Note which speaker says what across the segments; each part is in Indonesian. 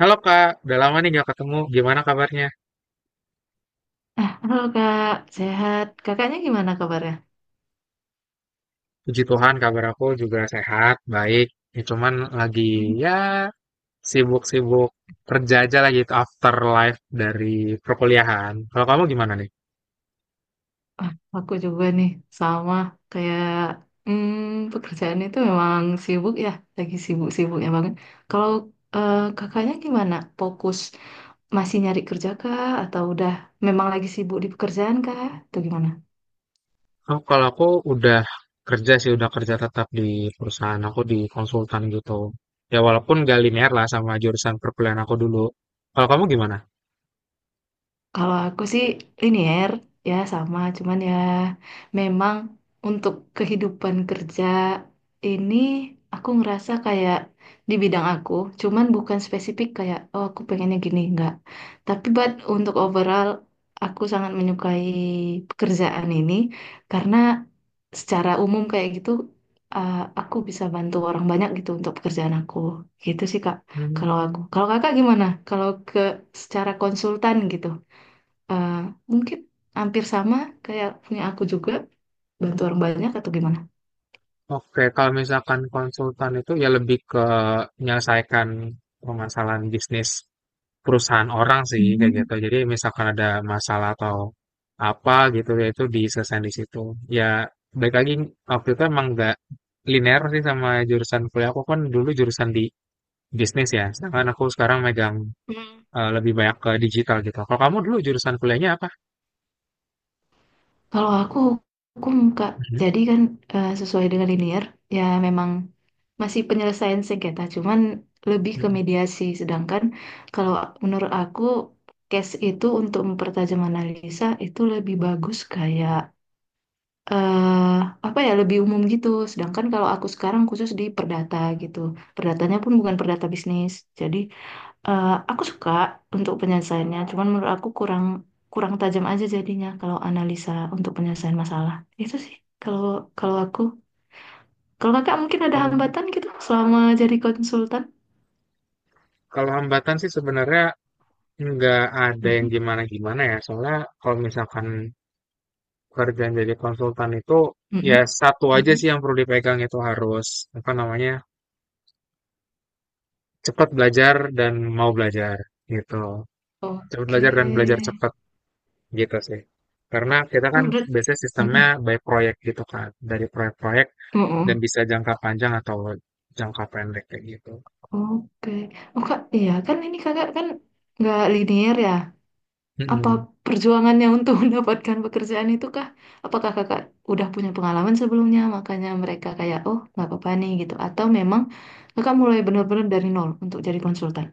Speaker 1: Halo Kak, udah lama nih gak ketemu. Gimana kabarnya?
Speaker 2: Halo Kak, sehat. Kakaknya gimana kabarnya?
Speaker 1: Puji Tuhan, kabar aku juga sehat, baik. Ya, cuman lagi
Speaker 2: Hmm.
Speaker 1: ya sibuk-sibuk kerja aja lagi itu afterlife dari perkuliahan. Kalau kamu gimana nih?
Speaker 2: Ah, aku juga nih, sama kayak pekerjaan itu memang sibuk ya, lagi sibuk-sibuknya banget. Kalau kakaknya gimana? Fokus masih nyari kerja kah? Atau udah memang lagi sibuk di pekerjaan kah? Atau gimana?
Speaker 1: Oh, kalau aku udah kerja sih, udah kerja tetap di perusahaan aku di konsultan gitu. Ya walaupun gak linear lah sama jurusan perkuliahan aku dulu. Kalau kamu gimana?
Speaker 2: Kalau aku sih linier ya sama, cuman ya memang untuk kehidupan kerja ini aku ngerasa kayak di bidang aku, cuman bukan spesifik kayak oh aku pengennya gini enggak. Tapi buat untuk overall aku sangat menyukai pekerjaan ini karena secara umum kayak gitu uh, aku bisa bantu orang banyak gitu untuk pekerjaan aku. Gitu sih Kak. Kalau aku.
Speaker 1: Hmm.
Speaker 2: Kalau Kakak gimana? Kalau ke secara konsultan gitu eh, mungkin hampir sama kayak punya aku juga bantu orang banyak atau gimana?
Speaker 1: Oke, kalau misalkan konsultan itu ya lebih ke menyelesaikan permasalahan bisnis perusahaan orang sih kayak
Speaker 2: Hmm.
Speaker 1: gitu. Jadi misalkan ada masalah atau apa gitu ya itu diselesaikan di situ. Ya balik lagi waktu itu emang nggak linear sih sama jurusan kuliah. Aku kan dulu jurusan di bisnis ya. Sedangkan aku sekarang megang
Speaker 2: Hmm.
Speaker 1: lebih banyak ke digital gitu. Kalau kamu dulu jurusan kuliahnya apa?
Speaker 2: Kalau aku hukum Kak,
Speaker 1: Mhm.
Speaker 2: jadi kan sesuai dengan linear ya memang masih penyelesaian sengketa, cuman lebih ke
Speaker 1: Mhm.
Speaker 2: mediasi. Sedangkan kalau menurut aku case itu untuk mempertajam analisa itu lebih bagus kayak eh apa ya lebih umum gitu. Sedangkan kalau aku sekarang khusus di perdata gitu, perdatanya pun bukan perdata bisnis, jadi aku suka untuk penyelesaiannya, cuman menurut aku kurang kurang tajam aja jadinya kalau analisa untuk penyelesaian masalah. Itu sih kalau kalau aku. Kalau kakak mungkin ada
Speaker 1: Oh,
Speaker 2: hambatan gitu selama jadi konsultan.
Speaker 1: kalau hambatan sih sebenarnya nggak ada yang
Speaker 2: Mm-mm,
Speaker 1: gimana-gimana ya. Soalnya kalau misalkan kerjaan jadi konsultan itu ya
Speaker 2: mm-mm,
Speaker 1: satu aja
Speaker 2: mm-mm.
Speaker 1: sih yang perlu dipegang itu harus apa namanya cepat belajar dan mau belajar gitu. Cepat
Speaker 2: Oke.
Speaker 1: belajar dan belajar cepat gitu sih. Karena kita
Speaker 2: Oh,
Speaker 1: kan
Speaker 2: berat.
Speaker 1: biasanya sistemnya
Speaker 2: Mm-mm.
Speaker 1: by proyek gitu kan, dari proyek-proyek dan
Speaker 2: Mm-mm.
Speaker 1: bisa jangka panjang atau jangka pendek kayak gitu.
Speaker 2: Oke. Oh kak, iya kan ini kakak kan nggak linear ya. Apa
Speaker 1: Mm-mm.
Speaker 2: perjuangannya untuk mendapatkan pekerjaan itu kah? Apakah kakak udah punya pengalaman sebelumnya, makanya mereka kayak, oh nggak apa-apa nih gitu. Atau memang kakak mulai benar-benar dari nol untuk jadi konsultan?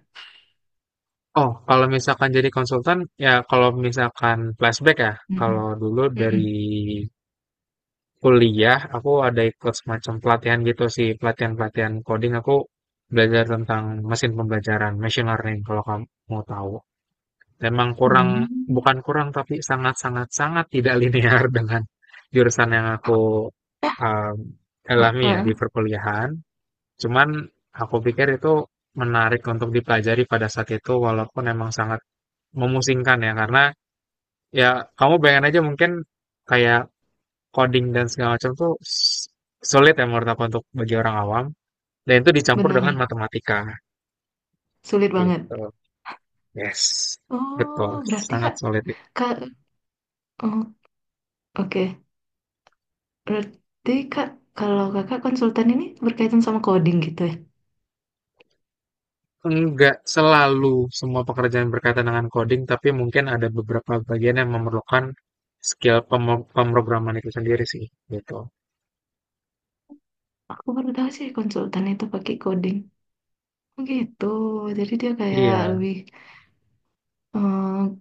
Speaker 1: Oh, kalau misalkan jadi konsultan, ya kalau misalkan flashback ya, kalau
Speaker 2: Mm-mm.
Speaker 1: dulu dari
Speaker 2: Mm-mm.
Speaker 1: kuliah aku ada ikut semacam pelatihan gitu sih, pelatihan-pelatihan coding aku belajar tentang mesin pembelajaran, machine learning kalau kamu mau tahu. Memang kurang,
Speaker 2: Hmm.
Speaker 1: bukan kurang, tapi sangat sangat sangat tidak linear dengan jurusan yang aku, mmm, alami ya
Speaker 2: Heeh,
Speaker 1: di perkuliahan. Cuman aku pikir itu menarik untuk dipelajari pada saat itu walaupun memang sangat memusingkan ya, karena ya kamu bayangin aja mungkin kayak coding dan segala macam tuh sulit ya menurut aku untuk bagi orang awam dan itu dicampur
Speaker 2: benar,
Speaker 1: dengan matematika
Speaker 2: sulit banget.
Speaker 1: gitu. Yes, betul,
Speaker 2: Oh, berarti
Speaker 1: sangat
Speaker 2: kak,
Speaker 1: sulit.
Speaker 2: kak, oh, oke. Berarti kak, kalau kakak konsultan ini berkaitan sama coding gitu ya?
Speaker 1: Enggak selalu semua pekerjaan berkaitan dengan coding, tapi mungkin ada beberapa bagian yang memerlukan skill pemrograman itu sendiri sih, gitu.
Speaker 2: Aku baru tahu sih konsultan itu pakai coding. Oh gitu, jadi dia kayak
Speaker 1: Iya,
Speaker 2: lebih. Hmm.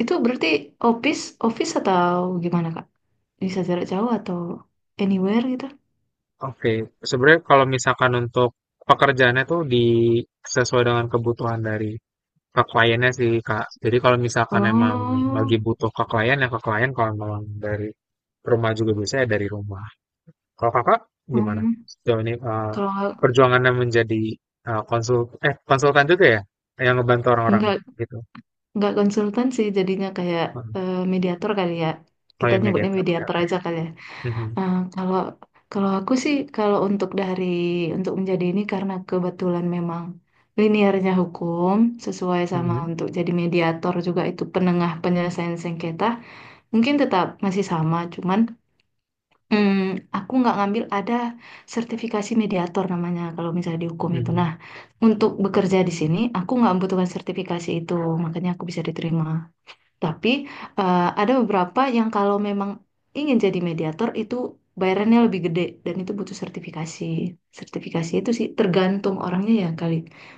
Speaker 2: Itu berarti office atau gimana Kak? Bisa jarak jauh atau anywhere gitu?
Speaker 1: oke. Sebenarnya kalau misalkan untuk pekerjaannya tuh di sesuai dengan kebutuhan dari ke kliennya sih, Kak. Jadi kalau misalkan emang
Speaker 2: Oh,
Speaker 1: lagi butuh ke klien, ya ke klien. Kalau memang dari rumah juga bisa, ya dari rumah. Kalau kakak gimana
Speaker 2: hmm.
Speaker 1: sejauh ini
Speaker 2: Kalau
Speaker 1: perjuangannya menjadi eh, konsul konsultan juga ya yang ngebantu orang-orang
Speaker 2: nggak
Speaker 1: gitu.
Speaker 2: nggak konsultan sih jadinya kayak
Speaker 1: Heeh.
Speaker 2: mediator kali ya.
Speaker 1: Oh
Speaker 2: Kita
Speaker 1: ya,
Speaker 2: nyebutnya
Speaker 1: mediator. Oke,
Speaker 2: mediator
Speaker 1: oke.
Speaker 2: aja kali ya.
Speaker 1: Mhm.
Speaker 2: Kalau kalau aku sih kalau untuk dari untuk menjadi ini karena kebetulan memang linearnya hukum sesuai sama
Speaker 1: Mhm.
Speaker 2: untuk jadi mediator juga itu penengah penyelesaian sengketa mungkin tetap masih sama cuman Hmm, aku nggak ngambil ada sertifikasi mediator namanya kalau misalnya di hukum itu. Nah,
Speaker 1: Mhm.
Speaker 2: untuk bekerja di sini aku nggak membutuhkan sertifikasi itu, makanya aku bisa diterima. Tapi ada beberapa yang kalau memang ingin jadi mediator itu bayarannya lebih gede dan itu butuh sertifikasi. Sertifikasi itu sih tergantung orangnya ya kali.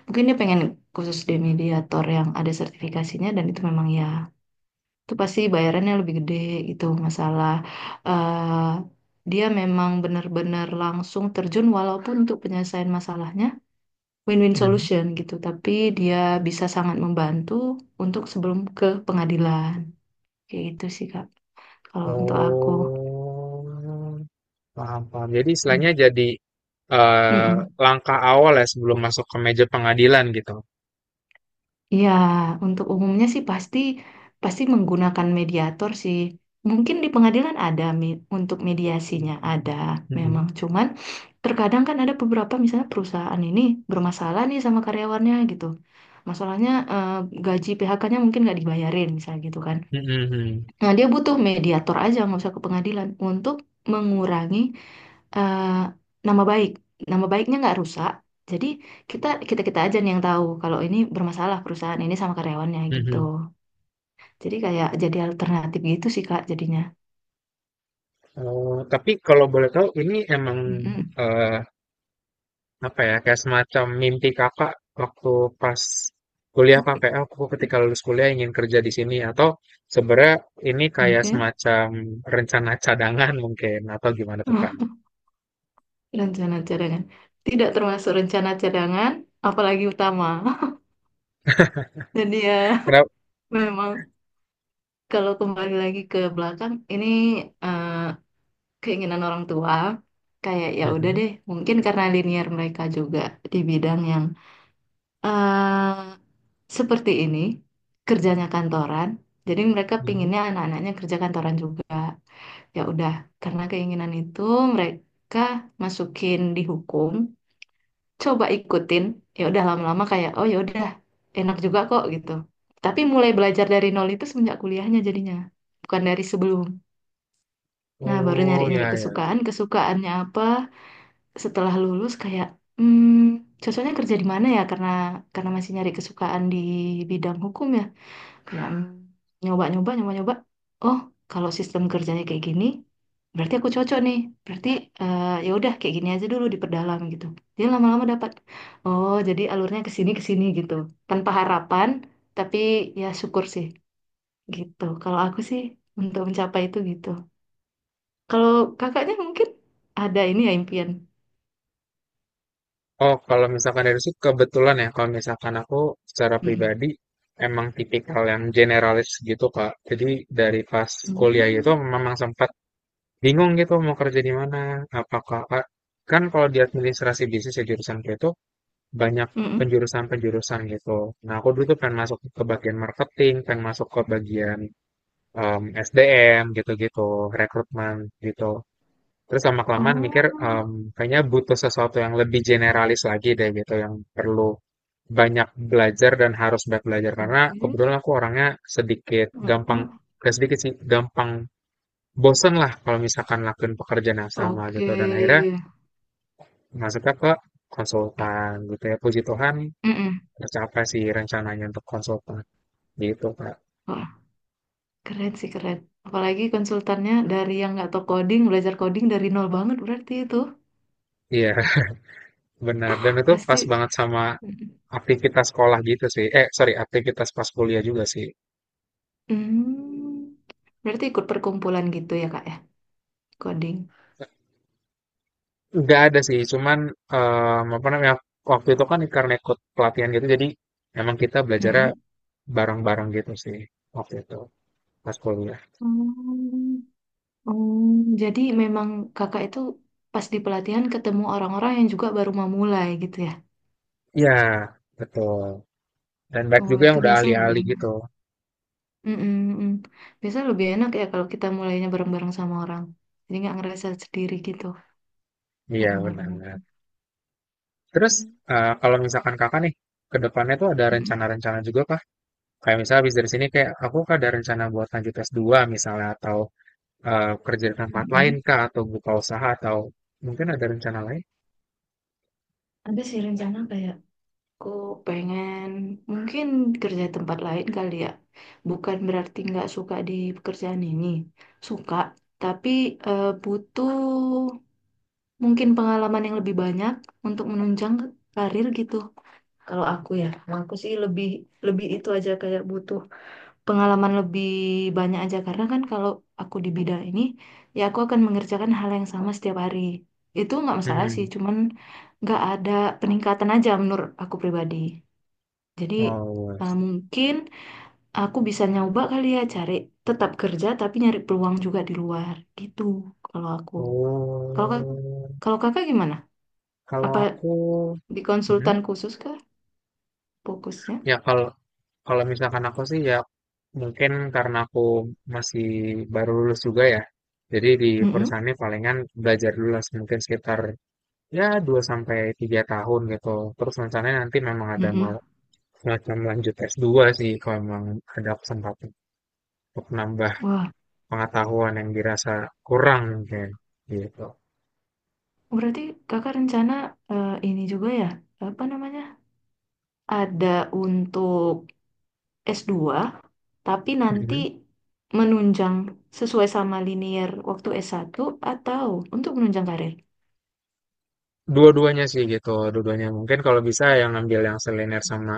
Speaker 2: Mungkin dia pengen khusus di mediator yang ada sertifikasinya dan itu memang ya itu pasti bayarannya lebih gede gitu masalah eh dia memang benar-benar langsung terjun walaupun untuk penyelesaian masalahnya win-win
Speaker 1: Mhm.
Speaker 2: solution gitu tapi dia bisa sangat membantu untuk sebelum ke pengadilan kayak gitu sih Kak kalau untuk aku.
Speaker 1: Oh, paham paham. Jadi istilahnya
Speaker 2: Mm.
Speaker 1: jadi eh,
Speaker 2: Mm-mm.
Speaker 1: langkah awal ya sebelum masuk ke meja pengadilan gitu.
Speaker 2: Ya, untuk umumnya sih pasti pasti menggunakan mediator sih. Mungkin di pengadilan ada untuk mediasinya ada memang.
Speaker 1: Mhm.
Speaker 2: Cuman terkadang kan ada beberapa misalnya perusahaan ini bermasalah nih sama karyawannya gitu. Masalahnya gaji PHK-nya mungkin nggak dibayarin misalnya gitu kan.
Speaker 1: Mhm.
Speaker 2: Nah, dia butuh mediator aja, nggak usah ke pengadilan, untuk mengurangi eh, nama baik. Nama baiknya nggak rusak. Jadi kita kita kita aja nih yang tahu kalau ini bermasalah perusahaan ini sama karyawannya
Speaker 1: Mhm.
Speaker 2: gitu.
Speaker 1: Mhm.
Speaker 2: Jadi kayak jadi alternatif gitu sih Kak jadinya.
Speaker 1: Oh tapi kalau boleh tahu, ini emang
Speaker 2: Mm-mm.
Speaker 1: eh, apa ya, kayak semacam mimpi kakak waktu pas kuliah, kakak kayak, "Ah, aku ketika lulus kuliah ingin kerja di sini," atau sebenarnya ini kayak
Speaker 2: Oke.
Speaker 1: semacam rencana cadangan, mungkin, atau gimana tuh kak?
Speaker 2: Ah, rencana cadangan. Tidak termasuk rencana cadangan, apalagi utama. Jadi ya
Speaker 1: Kenapa?
Speaker 2: memang kalau kembali lagi ke belakang ini eh, keinginan orang tua kayak ya udah
Speaker 1: Mhm,
Speaker 2: deh mungkin karena linear mereka juga di bidang yang eh seperti ini kerjanya kantoran jadi mereka
Speaker 1: mhm.
Speaker 2: pinginnya anak-anaknya kerja kantoran juga ya udah karena keinginan itu mereka masukin di hukum coba ikutin ya udah lama-lama kayak oh ya udah enak juga kok gitu tapi mulai belajar dari nol itu semenjak kuliahnya jadinya bukan dari sebelum nah baru
Speaker 1: Oh
Speaker 2: nyari-nyari
Speaker 1: ya ya.
Speaker 2: kesukaan kesukaannya apa setelah lulus kayak hmm, cocoknya kerja di mana ya karena masih nyari kesukaan di bidang hukum ya kayak nyoba-nyoba oh kalau sistem kerjanya kayak gini berarti aku cocok nih berarti ya udah kayak gini aja dulu diperdalam gitu dia lama-lama dapat oh jadi alurnya ke sini gitu tanpa harapan tapi ya syukur sih gitu kalau aku sih untuk mencapai itu gitu kalau kakaknya mungkin ada ini ya impian.
Speaker 1: Oh, kalau misalkan dari situ kebetulan ya, kalau misalkan aku secara
Speaker 2: Mm.
Speaker 1: pribadi emang tipikal yang generalis gitu kak. Jadi dari pas kuliah itu
Speaker 2: Hmm.
Speaker 1: memang sempat bingung gitu mau kerja di mana. Apa kakak, kan kalau di administrasi bisnis ya jurusanku itu banyak
Speaker 2: Mm-mm.
Speaker 1: penjurusan-penjurusan gitu. Nah, aku dulu tuh pengen masuk ke bagian marketing, pengen masuk ke bagian SDM gitu-gitu, rekrutmen gitu. Terus lama kelamaan mikir,
Speaker 2: Oh,
Speaker 1: kayaknya butuh sesuatu yang lebih generalis lagi deh gitu, yang perlu banyak belajar dan harus banyak belajar karena
Speaker 2: oke.
Speaker 1: kebetulan aku orangnya sedikit gampang,
Speaker 2: Mm-mm.
Speaker 1: gak sedikit sih, gampang bosen lah kalau misalkan lakuin pekerjaan yang sama
Speaker 2: Oke.
Speaker 1: gitu, dan akhirnya masuknya ke konsultan gitu, ya Puji Tuhan
Speaker 2: Mm-mm.
Speaker 1: tercapai sih rencananya untuk konsultan gitu Kak.
Speaker 2: Wah, keren sih keren. Apalagi konsultannya dari yang nggak tahu coding, belajar coding dari nol banget berarti itu.
Speaker 1: Iya, benar, dan itu pas
Speaker 2: Pasti.
Speaker 1: banget sama
Speaker 2: Mm-mm.
Speaker 1: aktivitas sekolah gitu sih, eh sorry, aktivitas pas kuliah juga sih.
Speaker 2: Hmm. Berarti ikut perkumpulan gitu ya, Kak ya, coding.
Speaker 1: Nggak ada sih, cuman apa namanya, waktu itu kan karena ikut pelatihan gitu, jadi emang kita belajarnya
Speaker 2: Mm-mm.
Speaker 1: bareng-bareng gitu sih waktu itu pas kuliah.
Speaker 2: Hmm. Hmm. Jadi memang kakak itu pas di pelatihan ketemu orang-orang yang juga baru memulai gitu ya.
Speaker 1: Ya betul, dan baik
Speaker 2: Oh,
Speaker 1: juga
Speaker 2: itu
Speaker 1: yang udah
Speaker 2: biasa lebih
Speaker 1: ahli-ahli
Speaker 2: enak.
Speaker 1: gitu.
Speaker 2: Mm-mm, mm. Biasanya lebih enak ya kalau kita mulainya bareng-bareng sama orang. Jadi nggak ngerasa sendiri gitu,
Speaker 1: Iya
Speaker 2: naruh-naruhnya.
Speaker 1: benar. Terus
Speaker 2: Hmm.
Speaker 1: kalau misalkan kakak nih ke depannya tuh ada
Speaker 2: Mm-mm,
Speaker 1: rencana-rencana juga kah? Kayak misalnya habis dari sini kayak aku kah, ada rencana buat lanjut S2 misalnya, atau kerja di tempat lain
Speaker 2: mm-mm.
Speaker 1: kah, atau buka usaha, atau mungkin ada rencana lain?
Speaker 2: Ada sih rencana kayak aku pengen mungkin kerja di tempat lain kali ya. Bukan berarti nggak suka di pekerjaan ini. Suka, tapi butuh mungkin pengalaman yang lebih banyak untuk menunjang karir gitu. Kalau aku ya, kalau aku sih lebih lebih itu aja kayak butuh pengalaman lebih banyak aja karena kan kalau aku di bidang ini ya aku akan mengerjakan hal yang sama setiap hari itu nggak masalah sih
Speaker 1: Hmm.
Speaker 2: cuman nggak ada peningkatan aja menurut aku pribadi jadi
Speaker 1: Oh,
Speaker 2: mungkin aku bisa nyoba kali ya cari tetap kerja tapi nyari peluang juga di luar gitu kalau aku
Speaker 1: dua.
Speaker 2: kalau
Speaker 1: Oh.
Speaker 2: kalau kakak gimana
Speaker 1: Kalau
Speaker 2: apa
Speaker 1: aku,
Speaker 2: di
Speaker 1: mhm,
Speaker 2: konsultan khusus kah fokusnya.
Speaker 1: ya kalau kalau misalkan aku sih ya mungkin karena aku masih baru lulus juga ya. Jadi di
Speaker 2: Mm-mm,
Speaker 1: perusahaan ini palingan belajar dulu lah mungkin sekitar ya 2 sampai 3 tahun gitu. Terus rencananya nanti memang ada mau
Speaker 2: mm-mm.
Speaker 1: semacam lanjut S2 sih kalau memang ada kesempatan untuk nambah
Speaker 2: Wah,
Speaker 1: pengetahuan yang dirasa kurang mungkin gitu.
Speaker 2: berarti kakak rencana ini juga ya, apa namanya, ada untuk S2, tapi nanti
Speaker 1: Mhm.
Speaker 2: menunjang sesuai sama linear waktu S1 atau untuk menunjang karir.
Speaker 1: Dua-duanya sih gitu, dua-duanya mungkin kalau bisa yang ambil yang seliner sama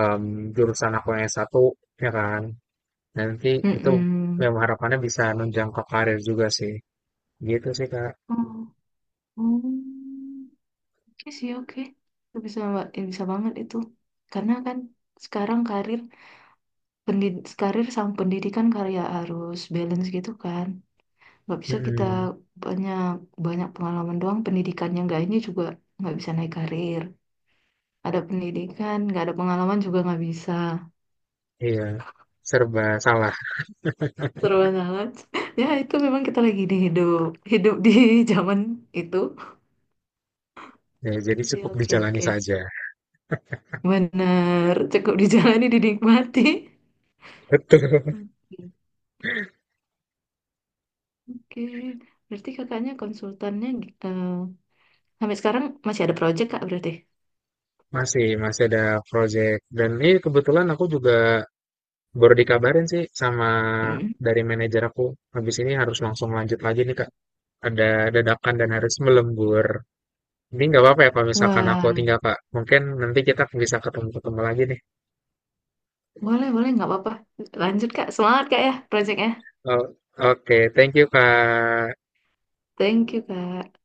Speaker 1: em, jurusan aku yang S1 ya kan. Nanti itu yang
Speaker 2: Mm-mm.
Speaker 1: harapannya bisa nunjang ke karir juga sih. Gitu sih Kak.
Speaker 2: Oh, oh. Oke sih, oke. Itu bisa, mbak, bisa banget itu. Karena kan sekarang karir karir sama pendidikan karya harus balance gitu kan. Nggak bisa kita
Speaker 1: Mhm.
Speaker 2: banyak banyak pengalaman doang pendidikannya nggak ini juga nggak bisa naik karir. Ada pendidikan, nggak ada pengalaman juga nggak bisa.
Speaker 1: Iya, serba salah.
Speaker 2: Seru banget. Ya, itu memang kita lagi hidup di zaman itu.
Speaker 1: Ya, jadi
Speaker 2: Oke sih,
Speaker 1: cukup
Speaker 2: oke,
Speaker 1: dijalani
Speaker 2: oke.
Speaker 1: saja.
Speaker 2: Benar, cukup dijalani, dinikmati.
Speaker 1: Betul.
Speaker 2: Oke, oke. Berarti kakaknya konsultannya eh, sampai sekarang masih ada project, Kak, berarti?
Speaker 1: Masih ada project. Dan ini kebetulan aku juga baru dikabarin sih sama
Speaker 2: Mm.
Speaker 1: dari manajer aku. Habis ini harus langsung lanjut lagi nih Kak. Ada dadakan dan harus melembur. Ini nggak apa-apa ya kalau misalkan aku
Speaker 2: Wah,
Speaker 1: tinggal Kak. Mungkin nanti kita bisa ketemu-ketemu lagi nih.
Speaker 2: boleh, boleh, nggak apa-apa. Lanjut, Kak. Semangat, Kak, ya, projectnya.
Speaker 1: Oh, oke, thank you Kak.
Speaker 2: Thank you, Kak.